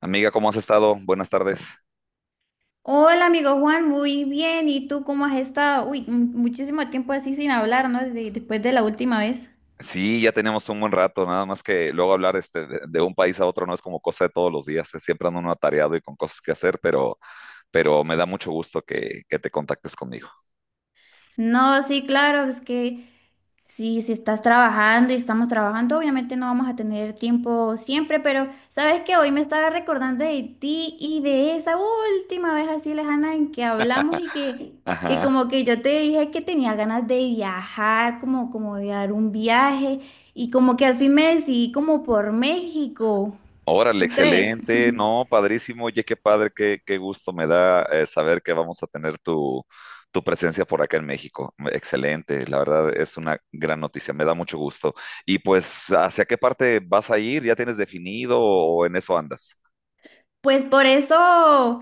Amiga, ¿cómo has estado? Buenas tardes. Hola, amigo Juan, muy bien. ¿Y tú cómo has estado? Uy, muchísimo tiempo así sin hablar, ¿no? Después de la última vez. Sí, ya tenemos un buen rato, nada más que luego hablar de un país a otro no es como cosa de todos los días, siempre ando uno atareado y con cosas que hacer, pero me da mucho gusto que te contactes conmigo. No, sí, claro, es que si estás trabajando y estamos trabajando, obviamente no vamos a tener tiempo siempre, pero sabes que hoy me estaba recordando de ti y de esa última vez así lejana en que hablamos y que Ajá. como que yo te dije que tenía ganas de viajar, como, como de dar un viaje y como que al fin me decidí como por México, Órale, ¿tú crees? excelente, no, padrísimo, oye, qué padre, qué gusto me da saber que vamos a tener tu presencia por acá en México. Excelente, la verdad es una gran noticia, me da mucho gusto. Y pues, ¿hacia qué parte vas a ir? ¿Ya tienes definido o en eso andas? Pues por eso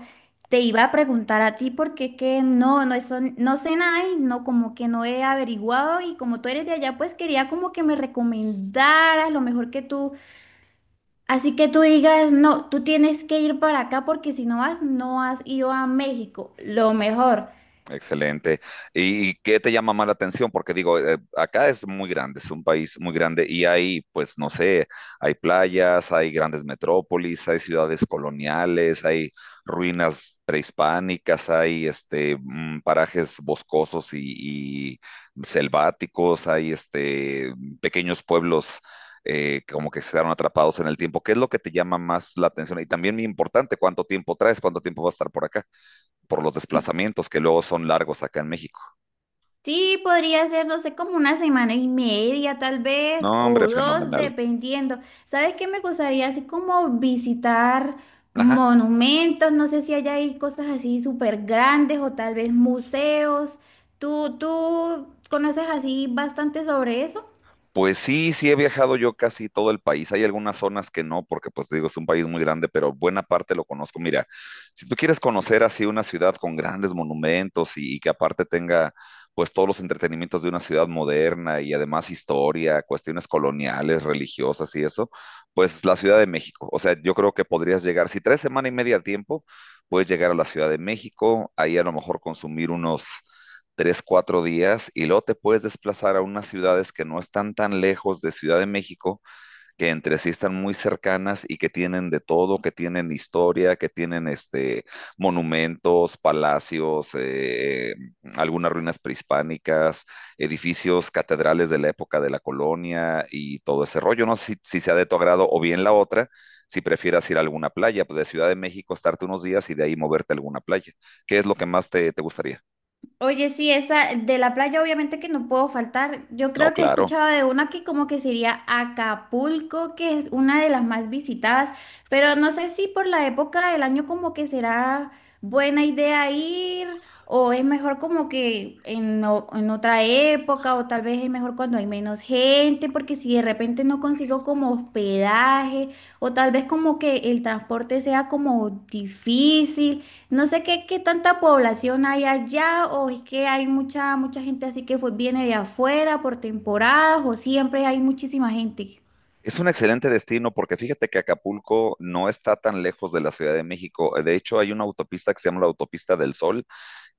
te iba a preguntar a ti, porque es que eso, no sé nada y no, como que no he averiguado y como tú eres de allá, pues quería como que me recomendaras lo mejor que tú, así que tú digas, no, tú tienes que ir para acá porque si no vas, no has ido a México, lo mejor. Excelente. ¿Y qué te llama más la atención? Porque digo, acá es muy grande, es un país muy grande y hay, pues, no sé, hay playas, hay grandes metrópolis, hay ciudades coloniales, hay ruinas prehispánicas, hay parajes boscosos y selváticos, hay pequeños pueblos como que se quedaron atrapados en el tiempo. ¿Qué es lo que te llama más la atención? Y también muy importante, ¿cuánto tiempo traes? ¿Cuánto tiempo vas a estar por acá? Por los desplazamientos que luego son largos acá en México. Sí, podría ser, no sé, como una semana y media tal No, vez, hombre, o dos, fenomenal. dependiendo. ¿Sabes qué me gustaría? Así como visitar Ajá. monumentos, no sé si allá hay cosas así súper grandes o tal vez museos. ¿Tú conoces así bastante sobre eso? Pues sí, sí he viajado yo casi todo el país. Hay algunas zonas que no, porque pues te digo, es un país muy grande, pero buena parte lo conozco. Mira, si tú quieres conocer así una ciudad con grandes monumentos y que aparte tenga pues todos los entretenimientos de una ciudad moderna y además historia, cuestiones coloniales, religiosas y eso, pues la Ciudad de México. O sea, yo creo que podrías llegar, si tres semanas y media a tiempo, puedes llegar a la Ciudad de México, ahí a lo mejor consumir unos tres, cuatro días y luego te puedes desplazar a unas ciudades que no están tan lejos de Ciudad de México, que entre sí están muy cercanas y que tienen de todo, que tienen historia, que tienen monumentos, palacios, algunas ruinas prehispánicas, edificios, catedrales de la época de la colonia y todo ese rollo. No sé si sea de tu agrado o bien la otra si prefieras ir a alguna playa, pues de Ciudad de México estarte unos días y de ahí moverte a alguna playa. ¿Qué es lo que más te gustaría? Oye, sí, esa de la playa obviamente que no puedo faltar. Yo No, creo que he claro. escuchado de una que como que sería Acapulco, que es una de las más visitadas, pero no sé si por la época del año como que será buena idea ir o es mejor como que en otra época o tal vez es mejor cuando hay menos gente, porque si de repente no consigo como hospedaje o tal vez como que el transporte sea como difícil. No sé qué tanta población hay allá, o es que hay mucha gente así que viene de afuera por temporadas, o siempre hay muchísima gente. Es un excelente destino porque fíjate que Acapulco no está tan lejos de la Ciudad de México. De hecho, hay una autopista que se llama la Autopista del Sol,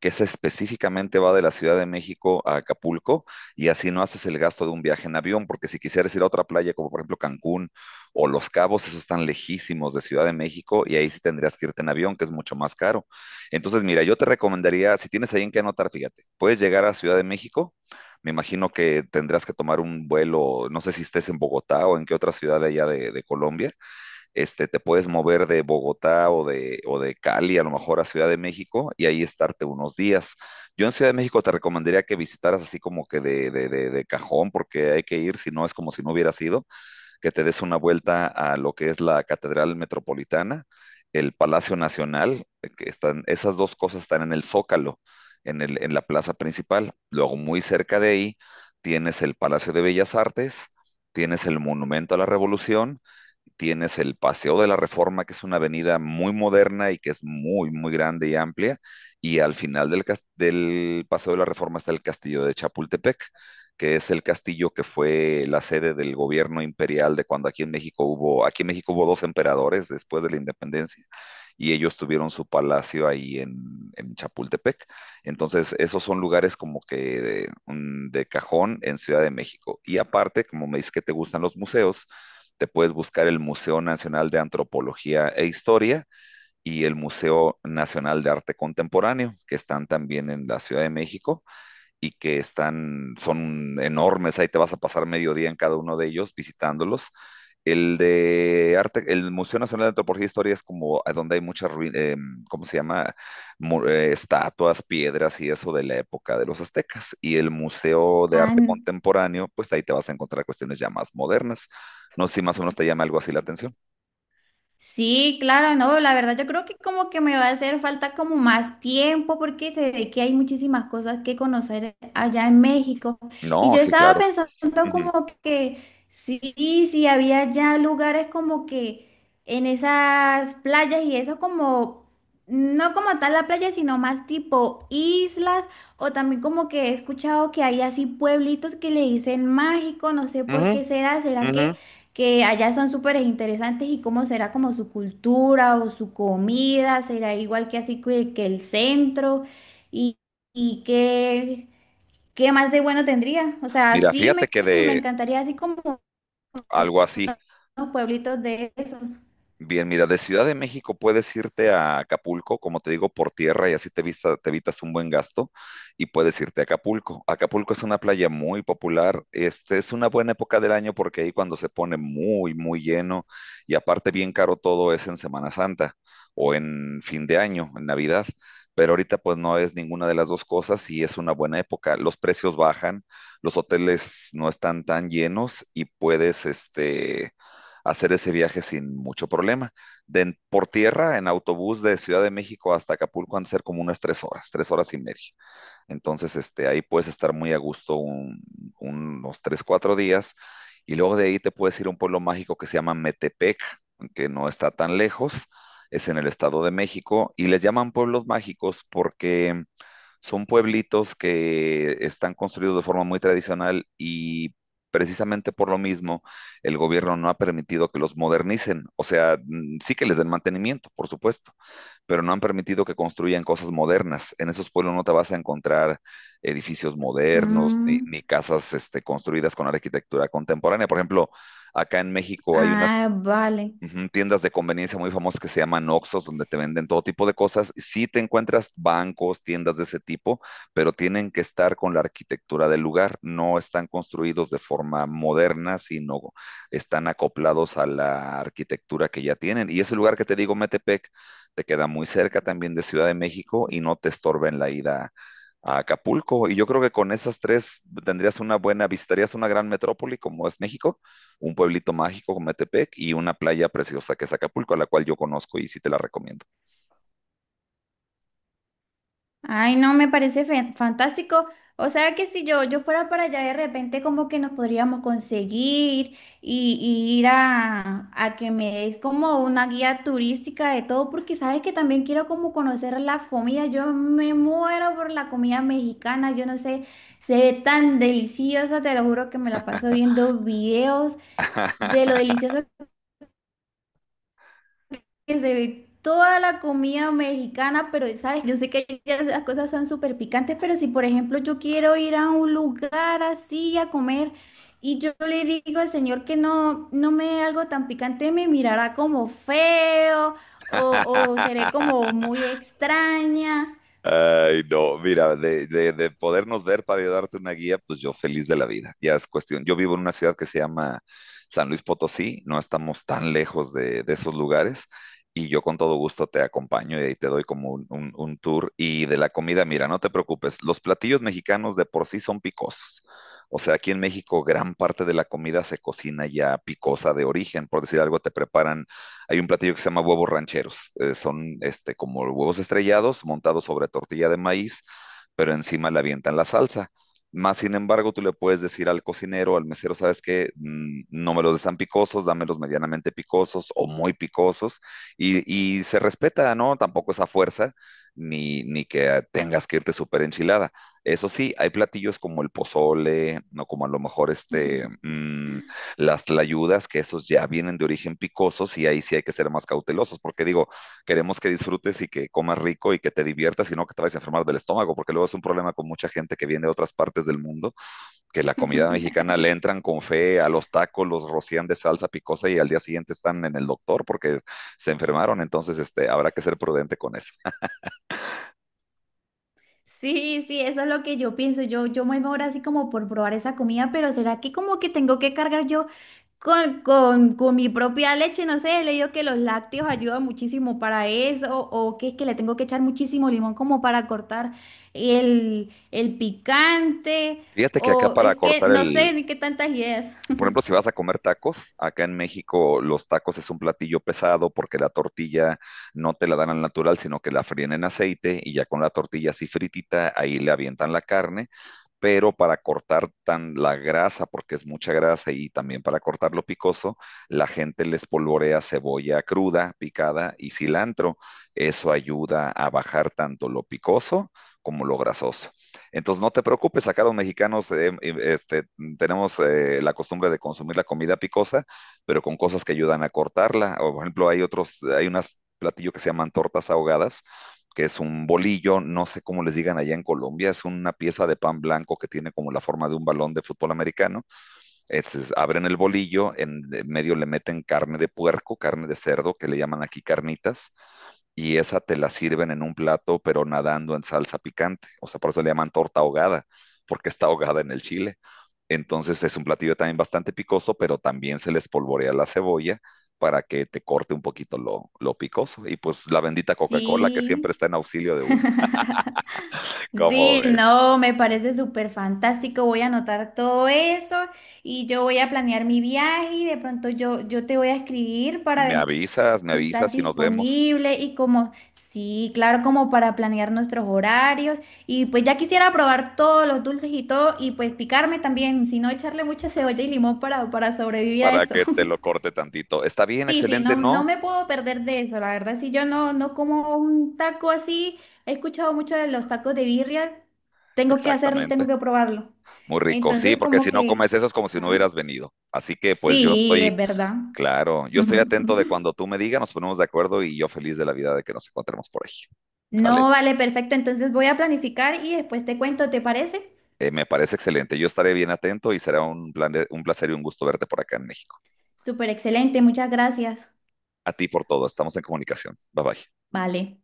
que esa específicamente va de la Ciudad de México a Acapulco y así no haces el gasto de un viaje en avión, porque si quisieras ir a otra playa como por ejemplo Cancún o Los Cabos, esos están lejísimos de Ciudad de México y ahí sí tendrías que irte en avión, que es mucho más caro. Entonces, mira, yo te recomendaría, si tienes ahí en qué anotar, fíjate, puedes llegar a Ciudad de México. Me imagino que tendrás que tomar un vuelo, no sé si estés en Bogotá o en qué otra ciudad de allá de Colombia, te puedes mover de Bogotá o de Cali a lo mejor a Ciudad de México y ahí estarte unos días. Yo en Ciudad de México te recomendaría que visitaras así como que de cajón, porque hay que ir, si no es como si no hubiera sido, que te des una vuelta a lo que es la Catedral Metropolitana, el Palacio Nacional, que están, esas dos cosas están en el Zócalo, en la plaza principal. Luego muy cerca de ahí tienes el Palacio de Bellas Artes, tienes el Monumento a la Revolución, tienes el Paseo de la Reforma, que es una avenida muy moderna y que es muy, muy grande y amplia, y al final del Paseo de la Reforma está el Castillo de Chapultepec, que es el castillo que fue la sede del gobierno imperial de cuando aquí en México hubo, aquí en México hubo dos emperadores después de la independencia, y ellos tuvieron su palacio en Chapultepec. Entonces, esos son lugares como que de cajón en Ciudad de México. Y aparte, como me dices que te gustan los museos, te puedes buscar el Museo Nacional de Antropología e Historia y el Museo Nacional de Arte Contemporáneo, que están también en la Ciudad de México y que están, son enormes, ahí te vas a pasar medio día en cada uno de ellos visitándolos. El de arte, el Museo Nacional de Antropología e Historia es como a donde hay muchas, ¿cómo se llama? Estatuas, piedras y eso de la época de los aztecas. Y el Museo de Ah, Arte Contemporáneo, pues ahí te vas a encontrar cuestiones ya más modernas. No sé si más o menos te llama algo así la atención. sí, claro, no, la verdad yo creo que como que me va a hacer falta como más tiempo porque se ve que hay muchísimas cosas que conocer allá en México. Y No, yo sí, estaba claro. pensando Ujú, como que sí, sí, había ya lugares como que en esas playas y eso como, no como tal la playa, sino más tipo islas o también como que he escuchado que hay así pueblitos que le dicen mágico, no sé por ujú, qué será, ¿será ujú. que allá son súper interesantes y cómo será como su cultura o su comida, será igual que así que el centro y, y qué más de bueno tendría? O sea, Mira, fíjate que me de encantaría así como algo así, unos pueblitos de esos. bien, mira, de Ciudad de México puedes irte a Acapulco, como te digo, por tierra y así te evitas un buen gasto y puedes irte a Acapulco. Acapulco es una playa muy popular, este es una buena época del año porque ahí cuando se pone muy, muy lleno y aparte bien caro todo es en Semana Santa o en fin de año, en Navidad, pero ahorita pues no es ninguna de las dos cosas y es una buena época. Los precios bajan, los hoteles no están tan llenos y puedes, hacer ese viaje sin mucho problema. De, por tierra, en autobús de Ciudad de México hasta Acapulco han de ser como unas tres horas y media. Entonces, ahí puedes estar muy a gusto unos tres, cuatro días. Y luego de ahí te puedes ir a un pueblo mágico que se llama Metepec, que no está tan lejos, es en el Estado de México. Y les llaman pueblos mágicos porque son pueblitos que están construidos de forma muy tradicional y precisamente por lo mismo el gobierno no ha permitido que los modernicen. O sea, sí que les den mantenimiento, por supuesto, pero no han permitido que construyan cosas modernas. En esos pueblos no te vas a encontrar edificios modernos Mm, ni casas construidas con arquitectura contemporánea. Por ejemplo, acá en México hay una vale. ujú, tiendas de conveniencia muy famosas que se llaman Oxxos, donde te venden todo tipo de cosas. Sí te encuentras bancos, tiendas de ese tipo, pero tienen que estar con la arquitectura del lugar. No están construidos de forma moderna, sino están acoplados a la arquitectura que ya tienen. Y ese lugar que te digo, Metepec, te queda muy cerca también de Ciudad de México y no te estorba en la ida a Acapulco. Y yo creo que con esas tres tendrías una buena, visitarías una gran metrópoli como es México, un pueblito mágico como Metepec y una playa preciosa que es Acapulco, a la cual yo conozco y sí te la recomiendo. Ay, no, me parece fantástico. O sea que si yo fuera para allá de repente como que nos podríamos conseguir y ir a que me des como una guía turística de todo, porque sabes que también quiero como conocer la comida. Yo me muero por la comida mexicana, yo no sé, se ve tan deliciosa, te lo juro que me la paso viendo videos de lo delicioso que se ve toda la comida mexicana, pero sabes, yo sé que ya las cosas son súper picantes, pero si por ejemplo yo quiero ir a un lugar así a comer y yo le digo al señor que no me dé algo tan picante, me mirará como feo o, o seré como muy extraña. Ay, no, mira, de podernos ver para yo darte una guía, pues yo feliz de la vida. Ya es cuestión. Yo vivo en una ciudad que se llama San Luis Potosí, no estamos tan lejos de esos lugares y yo con todo gusto te acompaño y te doy como un tour. Y de la comida, mira, no te preocupes, los platillos mexicanos de por sí son picosos. O sea, aquí en México gran parte de la comida se cocina ya picosa de origen, por decir algo, te preparan hay un platillo que se llama huevos rancheros. Son como huevos estrellados montados sobre tortilla de maíz, pero encima le avientan la salsa. Más sin embargo, tú le puedes decir al cocinero, al mesero, ¿sabes qué? No me los des tan picosos, dámelos medianamente picosos o muy picosos. Y se respeta, ¿no? Tampoco esa fuerza, ni que tengas que irte súper enchilada. Eso sí, hay platillos como el pozole, no como a lo mejor las tlayudas, que esos ya vienen de origen picosos y ahí sí hay que ser más cautelosos, porque digo, queremos que disfrutes y que comas rico y que te diviertas y no que te vayas a enfermar del estómago, porque luego es un problema con mucha gente que viene de otras partes del mundo, que la comida mexicana le entran con fe a los tacos, los rocían de salsa picosa y al día siguiente están en el doctor porque se enfermaron, entonces habrá que ser prudente con eso. Sí, sí, eso es lo que yo pienso. Yo me ahora así como por probar esa comida, pero ¿será que como que tengo que cargar yo con, con mi propia leche? No sé, he leído que los lácteos ayudan muchísimo para eso, o que es que le tengo que echar muchísimo limón como para cortar el picante, Fíjate que acá o para es que cortar no sé ni qué tantas ideas. por ejemplo, si vas a comer tacos, acá en México los tacos es un platillo pesado porque la tortilla no te la dan al natural, sino que la fríen en aceite y ya con la tortilla así fritita, ahí le avientan la carne, pero para cortar tan la grasa, porque es mucha grasa, y también para cortar lo picoso, la gente les polvorea cebolla cruda, picada y cilantro. Eso ayuda a bajar tanto lo picoso como lo grasoso. Entonces, no te preocupes, acá los mexicanos tenemos la costumbre de consumir la comida picosa, pero con cosas que ayudan a cortarla. O, por ejemplo, hay otros, hay unas platillo que se llaman tortas ahogadas, que es un bolillo, no sé cómo les digan allá en Colombia, es una pieza de pan blanco que tiene como la forma de un balón de fútbol americano, es, abren el bolillo, en medio le meten carne de puerco, carne de cerdo, que le llaman aquí carnitas, y esa te la sirven en un plato, pero nadando en salsa picante. O sea, por eso le llaman torta ahogada, porque está ahogada en el chile. Entonces es un platillo también bastante picoso, pero también se les polvorea la cebolla para que te corte un poquito lo picoso. Y pues la bendita Coca-Cola que siempre Sí. está en auxilio de uno. ¿Cómo Sí, ves? no, me parece súper fantástico. Voy a anotar todo eso y yo voy a planear mi viaje y de pronto yo te voy a escribir para ver Me si estás avisas y nos vemos. disponible y como, sí, claro, como para planear nuestros horarios. Y pues ya quisiera probar todos los dulces y todo y pues picarme también, si no echarle mucha cebolla y limón para sobrevivir a Para eso. que te lo corte tantito. ¿Está bien? Sí, sí, Excelente, no, no ¿no? me puedo perder de eso, la verdad, si yo no como un taco así, he escuchado mucho de los tacos de birria, tengo que hacerlo, Exactamente. tengo que probarlo. Muy rico. Sí, Entonces, porque como si no comes que, eso es como si no ¿ah? hubieras venido. Así que pues yo Sí, estoy, es verdad. claro, yo estoy atento de cuando tú me digas, nos ponemos de acuerdo y yo feliz de la vida de que nos encontremos por ahí. ¿Sale? No, vale, perfecto, entonces voy a planificar y después te cuento, ¿te parece? Me parece excelente. Yo estaré bien atento y será un placer y un gusto verte por acá en México. Súper excelente, muchas gracias. A ti por todo. Estamos en comunicación. Bye bye. Vale.